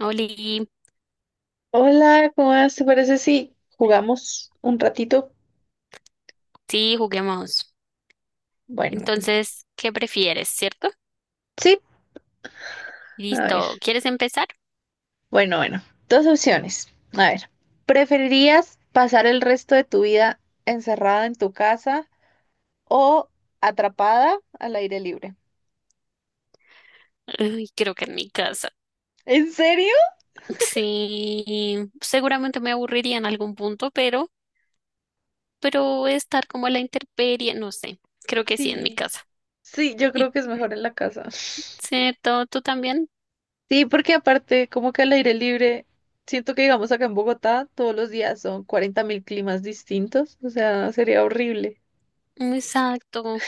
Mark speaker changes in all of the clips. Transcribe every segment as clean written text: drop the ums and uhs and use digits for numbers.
Speaker 1: Oli,
Speaker 2: Hola, ¿cómo vas? ¿Te parece si jugamos un ratito?
Speaker 1: sí, juguemos.
Speaker 2: Bueno,
Speaker 1: Entonces, ¿qué prefieres, cierto?
Speaker 2: sí, a
Speaker 1: Listo,
Speaker 2: ver.
Speaker 1: ¿quieres empezar?
Speaker 2: Bueno, bueno, dos opciones. A ver, ¿preferirías pasar el resto de tu vida encerrada en tu casa o atrapada al aire libre?
Speaker 1: Ay, creo que en mi casa.
Speaker 2: ¿En serio?
Speaker 1: Sí, seguramente me aburriría en algún punto, pero estar como a la intemperie, no sé, creo que sí, en mi
Speaker 2: Sí,
Speaker 1: casa.
Speaker 2: sí, yo
Speaker 1: ¿Y
Speaker 2: creo que es mejor en la casa.
Speaker 1: cierto? ¿Tú también?
Speaker 2: Sí, porque aparte, como que al aire libre, siento que digamos acá en Bogotá todos los días son 40.000 climas distintos, o sea, sería horrible.
Speaker 1: Exacto.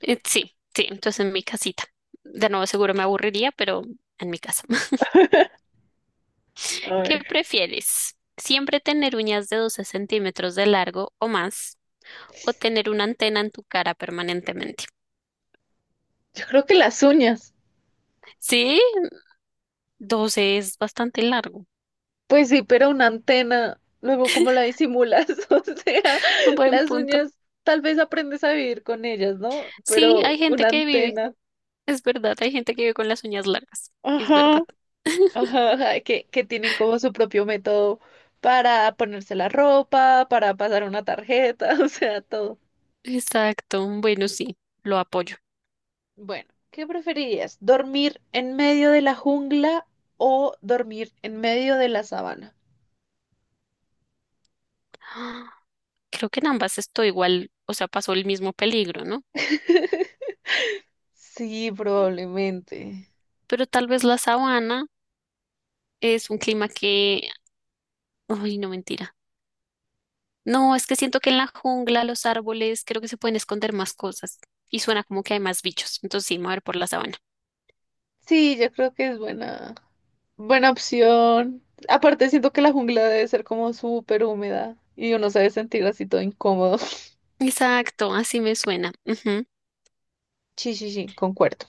Speaker 1: Sí, sí, entonces en mi casita. De nuevo, seguro me aburriría, pero en mi casa.
Speaker 2: A
Speaker 1: ¿Qué
Speaker 2: ver,
Speaker 1: prefieres? ¿Siempre tener uñas de 12 centímetros de largo o más o tener una antena en tu cara permanentemente?
Speaker 2: yo creo que las uñas.
Speaker 1: Sí, 12 es bastante largo.
Speaker 2: Pues sí, pero una antena, luego cómo la disimulas, o sea,
Speaker 1: Un buen
Speaker 2: las
Speaker 1: punto.
Speaker 2: uñas tal vez aprendes a vivir con ellas, ¿no?
Speaker 1: Sí,
Speaker 2: Pero
Speaker 1: hay gente
Speaker 2: una
Speaker 1: que vive,
Speaker 2: antena,
Speaker 1: es verdad, hay gente que vive con las uñas largas, es
Speaker 2: ajá,
Speaker 1: verdad.
Speaker 2: ajá, ajá, que tienen como su propio método para ponerse la ropa, para pasar una tarjeta, o sea, todo.
Speaker 1: Exacto, bueno, sí, lo apoyo.
Speaker 2: Bueno, ¿qué preferirías? ¿Dormir en medio de la jungla o dormir en medio de la sabana?
Speaker 1: Ah, creo que en ambas estoy igual, o sea, pasó el mismo peligro, ¿no?
Speaker 2: Sí, probablemente.
Speaker 1: Pero tal vez la sabana es un clima que, uy, no mentira. No, es que siento que en la jungla, los árboles, creo que se pueden esconder más cosas y suena como que hay más bichos. Entonces sí, me voy a ir por la sabana.
Speaker 2: Sí, yo creo que es buena. Buena opción. Aparte, siento que la jungla debe ser como súper húmeda y uno se debe sentir así todo incómodo.
Speaker 1: Exacto, así me suena. Ujú.
Speaker 2: Sí, sí, sí, concuerdo.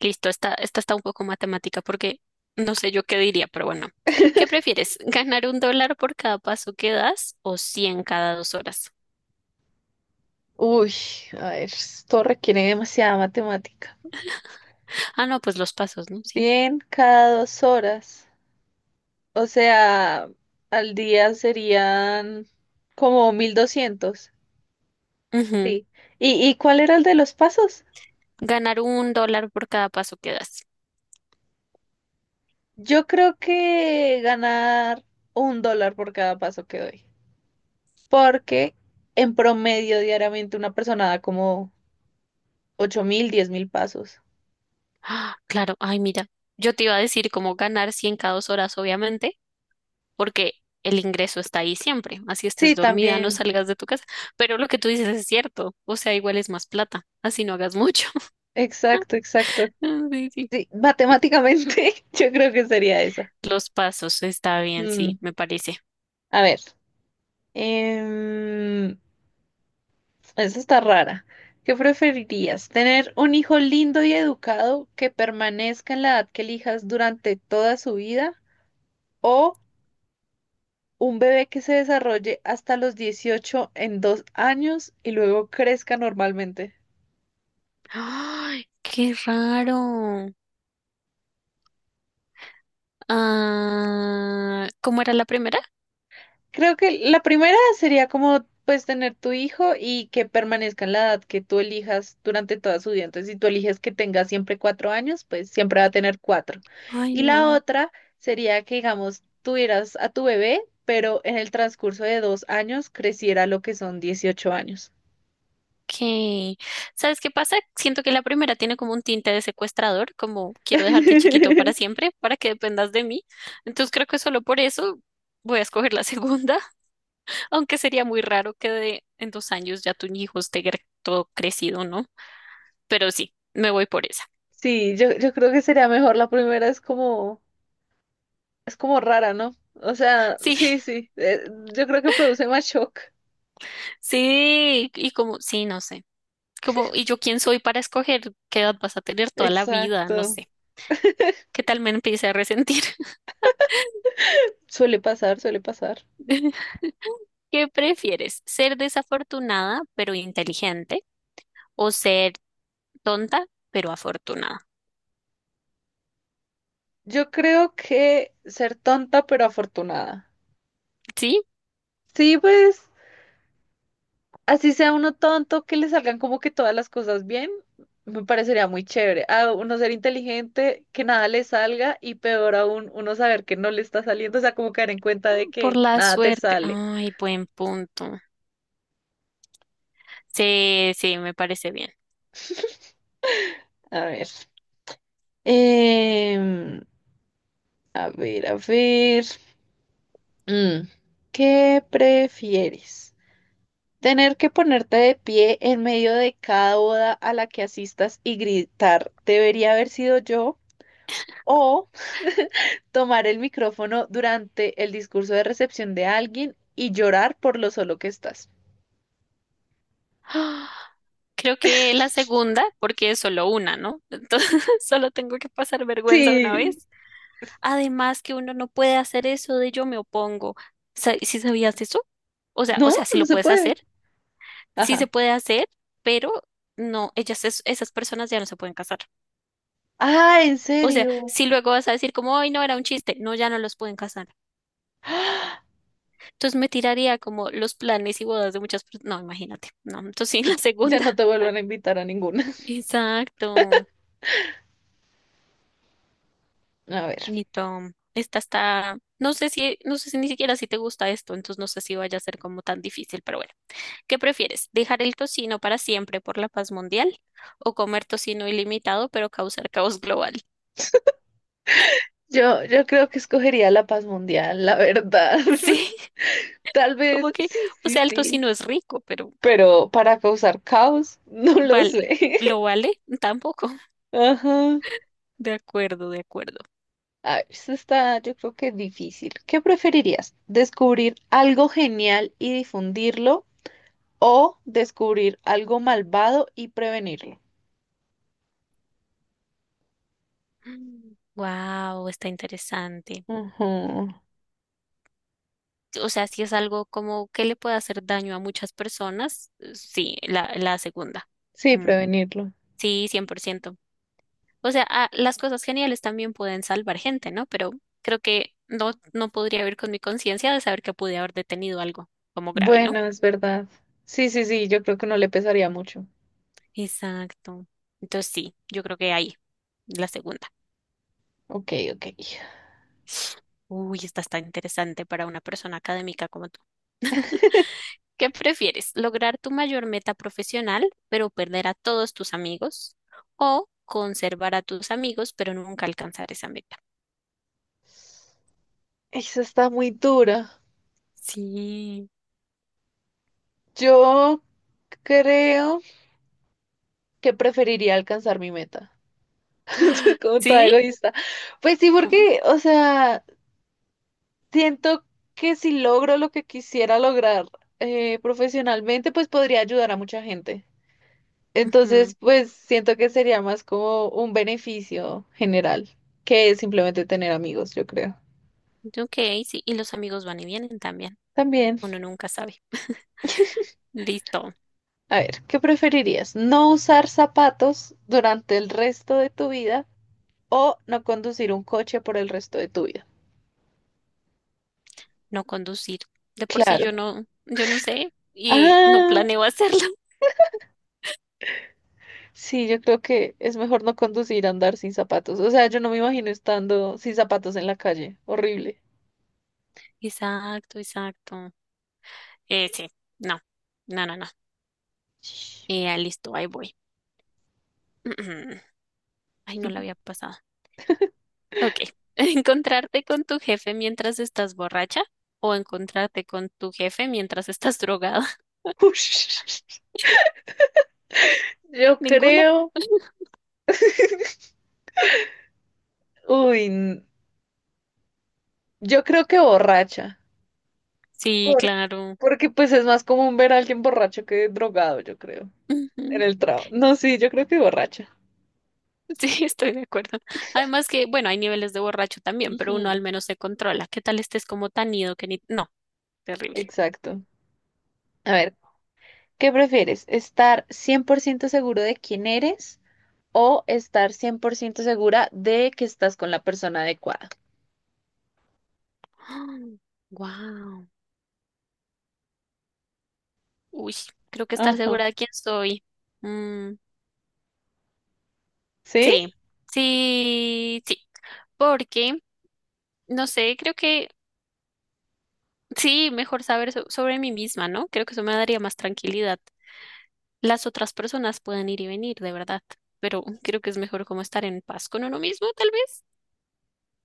Speaker 1: Listo, esta está un poco matemática porque no sé yo qué diría, pero bueno. ¿Qué prefieres? ¿Ganar $1 por cada paso que das o 100 cada 2 horas?
Speaker 2: Uy, a ver, esto requiere demasiada matemática.
Speaker 1: Ah, no, pues los pasos, ¿no? Sí.
Speaker 2: Bien cada 2 horas. O sea, al día serían como 1.200.
Speaker 1: Ujú.
Speaker 2: Sí. ¿Y cuál era el de los pasos?
Speaker 1: Ganar $1 por cada paso que das.
Speaker 2: Yo creo que ganar $1 por cada paso que doy. Porque en promedio diariamente una persona da como 8.000, 10.000 pasos.
Speaker 1: Ah, claro, ay, mira, yo te iba a decir cómo ganar 100 cada 2 horas, obviamente, porque el ingreso está ahí siempre. Así estés
Speaker 2: Sí,
Speaker 1: dormida, no
Speaker 2: también.
Speaker 1: salgas de tu casa. Pero lo que tú dices es cierto, o sea, igual es más plata, así no hagas mucho.
Speaker 2: Exacto, exacto.
Speaker 1: Sí, sí.
Speaker 2: Sí, matemáticamente yo creo que sería esa.
Speaker 1: Los pasos, está bien,
Speaker 2: Mm,
Speaker 1: sí, me parece.
Speaker 2: A ver, em, esa está rara. ¿Qué preferirías? ¿Tener un hijo lindo y educado que permanezca en la edad que elijas durante toda su vida? ¿O un bebé que se desarrolle hasta los 18 en 2 años y luego crezca normalmente?
Speaker 1: ¡Ay, qué raro! Ah, ¿cómo era la primera?
Speaker 2: Creo que la primera sería como pues tener tu hijo y que permanezca en la edad que tú elijas durante toda su vida. Entonces, si tú eliges que tenga siempre 4 años, pues siempre va a tener cuatro.
Speaker 1: Ay,
Speaker 2: Y la
Speaker 1: no.
Speaker 2: otra sería que, digamos, tuvieras a tu bebé, pero en el transcurso de 2 años creciera lo que son 18 años.
Speaker 1: ¿Qué? ¿Sabes qué pasa? Siento que la primera tiene como un tinte de secuestrador, como quiero dejarte chiquito para siempre, para que dependas de mí. Entonces creo que solo por eso voy a escoger la segunda, aunque sería muy raro que en 2 años ya tu hijo esté todo crecido, ¿no? Pero sí, me voy por esa.
Speaker 2: Sí, yo creo que sería mejor. La primera es como, rara, ¿no? O sea,
Speaker 1: Sí,
Speaker 2: sí, sí, yo creo que produce más shock.
Speaker 1: sí, y como, sí, no sé. Como, ¿y yo quién soy para escoger qué edad vas a tener toda la vida? No
Speaker 2: Exacto.
Speaker 1: sé. ¿Qué tal me empiece a resentir?
Speaker 2: Suele pasar, suele pasar.
Speaker 1: ¿Qué prefieres? ¿Ser desafortunada pero inteligente o ser tonta pero afortunada?
Speaker 2: Yo creo que ser tonta pero afortunada.
Speaker 1: ¿Sí?
Speaker 2: Sí, pues así sea uno tonto, que le salgan como que todas las cosas bien, me parecería muy chévere. A uno ser inteligente, que nada le salga y peor aún, uno saber que no le está saliendo, o sea, como caer en cuenta de
Speaker 1: Por
Speaker 2: que
Speaker 1: la
Speaker 2: nada te
Speaker 1: suerte.
Speaker 2: sale.
Speaker 1: Ay, buen punto. Sí, sí, me parece bien.
Speaker 2: A ver. em, a ver, a ver. Mm, ¿Qué prefieres? Tener que ponerte de pie en medio de cada boda a la que asistas y gritar, ¿debería haber sido yo? O tomar el micrófono durante el discurso de recepción de alguien y llorar por lo solo que estás.
Speaker 1: Ah, creo que la segunda, porque es solo una, ¿no? Entonces, solo tengo que pasar vergüenza una
Speaker 2: Sí,
Speaker 1: vez. Además que uno no puede hacer eso de yo me opongo. ¿Si sabías eso? O sea, o
Speaker 2: no,
Speaker 1: sea, si
Speaker 2: no
Speaker 1: lo
Speaker 2: se
Speaker 1: puedes
Speaker 2: puede.
Speaker 1: hacer, sí se
Speaker 2: Ajá.
Speaker 1: puede hacer, pero no, ellas, esas personas ya no se pueden casar.
Speaker 2: Ah, ¿en
Speaker 1: O sea,
Speaker 2: serio?
Speaker 1: si luego vas a decir como, ay, no, era un chiste, no, ya no los pueden casar.
Speaker 2: ¡Ah!
Speaker 1: Entonces me tiraría como los planes y bodas de muchas personas. No, imagínate, no, entonces sí, la
Speaker 2: Ya
Speaker 1: segunda.
Speaker 2: no te vuelvan a invitar a ninguna.
Speaker 1: Exacto,
Speaker 2: A ver,
Speaker 1: Nito. Esta está, no sé si ni siquiera si te gusta esto, entonces no sé si vaya a ser como tan difícil, pero bueno. ¿Qué prefieres? ¿Dejar el tocino para siempre por la paz mundial o comer tocino ilimitado pero causar caos global?
Speaker 2: yo creo que escogería la paz mundial, la verdad.
Speaker 1: Sí,
Speaker 2: Tal
Speaker 1: como
Speaker 2: vez,
Speaker 1: que,
Speaker 2: sí,
Speaker 1: o
Speaker 2: sí,
Speaker 1: sea, el
Speaker 2: sí.
Speaker 1: tocino es rico, pero
Speaker 2: Pero para causar caos, no lo
Speaker 1: vale,
Speaker 2: sé.
Speaker 1: ¿lo vale? Tampoco.
Speaker 2: Ajá.
Speaker 1: De acuerdo, de acuerdo.
Speaker 2: Ah, eso está, yo creo que difícil. ¿Qué preferirías? ¿Descubrir algo genial y difundirlo o descubrir algo malvado y prevenirlo?
Speaker 1: Wow, está interesante.
Speaker 2: Ujú.
Speaker 1: O sea, si es algo como que le puede hacer daño a muchas personas, sí, la segunda.
Speaker 2: Sí,
Speaker 1: Mm,
Speaker 2: prevenirlo.
Speaker 1: sí, 100%. O sea, ah, las cosas geniales también pueden salvar gente, ¿no? Pero creo que no, no podría vivir con mi conciencia de saber que pude haber detenido algo como grave, ¿no?
Speaker 2: Bueno, es verdad. Sí, sí, sí, yo creo que no le pesaría mucho.
Speaker 1: Exacto. Entonces sí, yo creo que ahí, la segunda.
Speaker 2: Ok, ok.
Speaker 1: Uy, esta está interesante para una persona académica como tú. ¿Qué prefieres? ¿Lograr tu mayor meta profesional, pero perder a todos tus amigos? ¿O conservar a tus amigos, pero nunca alcanzar esa meta?
Speaker 2: Eso está muy dura.
Speaker 1: Sí.
Speaker 2: Yo creo que preferiría alcanzar mi meta. Como toda
Speaker 1: ¿Sí?
Speaker 2: egoísta. Pues sí,
Speaker 1: ¿Cómo?
Speaker 2: porque, o sea, siento que si logro lo que quisiera lograr profesionalmente, pues podría ayudar a mucha gente. Entonces, pues siento que sería más como un beneficio general que simplemente tener amigos, yo creo.
Speaker 1: Ok, sí, y los amigos van y vienen también.
Speaker 2: También,
Speaker 1: Uno nunca sabe. Listo,
Speaker 2: a ver, ¿qué preferirías? ¿No usar zapatos durante el resto de tu vida o no conducir un coche por el resto de tu vida?
Speaker 1: no conducir. De por sí yo
Speaker 2: Claro.
Speaker 1: no, yo no sé y no
Speaker 2: Ah,
Speaker 1: planeo hacerlo.
Speaker 2: sí, yo creo que es mejor no conducir a andar sin zapatos. O sea, yo no me imagino estando sin zapatos en la calle. Horrible.
Speaker 1: Exacto, exacto. Sí, no, no, no, no.
Speaker 2: Ush.
Speaker 1: Listo, ahí voy. Ay, no la había pasado. Ok. ¿Encontrarte con tu jefe mientras estás borracha o encontrarte con tu jefe mientras estás drogada?
Speaker 2: Yo
Speaker 1: Ninguna.
Speaker 2: creo, uy, n- yo creo que borracha.
Speaker 1: Sí,
Speaker 2: Por-
Speaker 1: claro.
Speaker 2: porque pues es más común ver a alguien borracho que drogado, yo creo, en el trabajo. No, sí, yo creo que borracha.
Speaker 1: Sí, estoy de acuerdo. Además que, bueno, hay niveles de borracho también, pero uno
Speaker 2: Ujú.
Speaker 1: al menos se controla. ¿Qué tal estés como tan ido que ni. No, terrible.
Speaker 2: Exacto. A ver, ¿qué prefieres? ¿Estar 100% seguro de quién eres o estar 100% segura de que estás con la persona adecuada?
Speaker 1: Wow. Uy, creo que estar
Speaker 2: Ajá.
Speaker 1: segura de quién soy. Mm,
Speaker 2: ¿Sí?
Speaker 1: sí, sí, sí. Porque, no sé, creo que sí, mejor saber sobre mí misma, ¿no? Creo que eso me daría más tranquilidad. Las otras personas pueden ir y venir, de verdad, pero creo que es mejor como estar en paz con uno mismo, tal vez.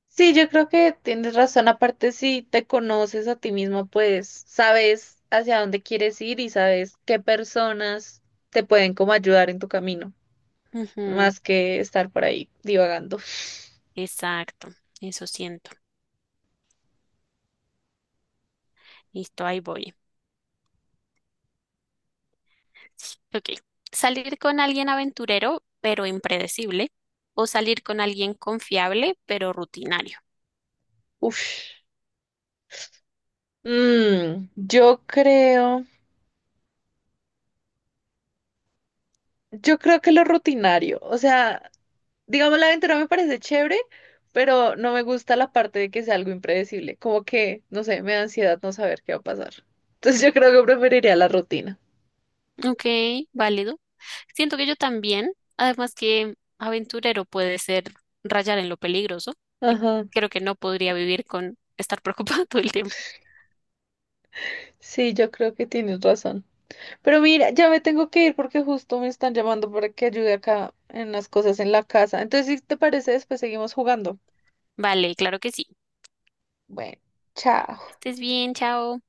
Speaker 2: Sí, yo creo que tienes razón. Aparte, si te conoces a ti mismo, pues sabes hacia dónde quieres ir y sabes qué personas te pueden como ayudar en tu camino,
Speaker 1: Ujú,
Speaker 2: más que estar por ahí divagando.
Speaker 1: exacto, eso siento. Listo, ahí voy. Ok. Salir con alguien aventurero, pero impredecible. O salir con alguien confiable, pero rutinario.
Speaker 2: Uf. Mm, yo creo, yo creo que lo rutinario, o sea, digamos la aventura me parece chévere, pero no me gusta la parte de que sea algo impredecible, como que, no sé, me da ansiedad no saber qué va a pasar. Entonces yo creo que preferiría la rutina.
Speaker 1: Ok, válido. Siento que yo también, además que aventurero puede ser rayar en lo peligroso. Y
Speaker 2: Ajá.
Speaker 1: creo que no podría vivir con estar preocupado todo el tiempo.
Speaker 2: Sí, yo creo que tienes razón. Pero mira, ya me tengo que ir porque justo me están llamando para que ayude acá en las cosas en la casa. Entonces, si te parece, después seguimos jugando.
Speaker 1: Vale, claro que sí.
Speaker 2: Bueno, chao.
Speaker 1: Estés bien, chao.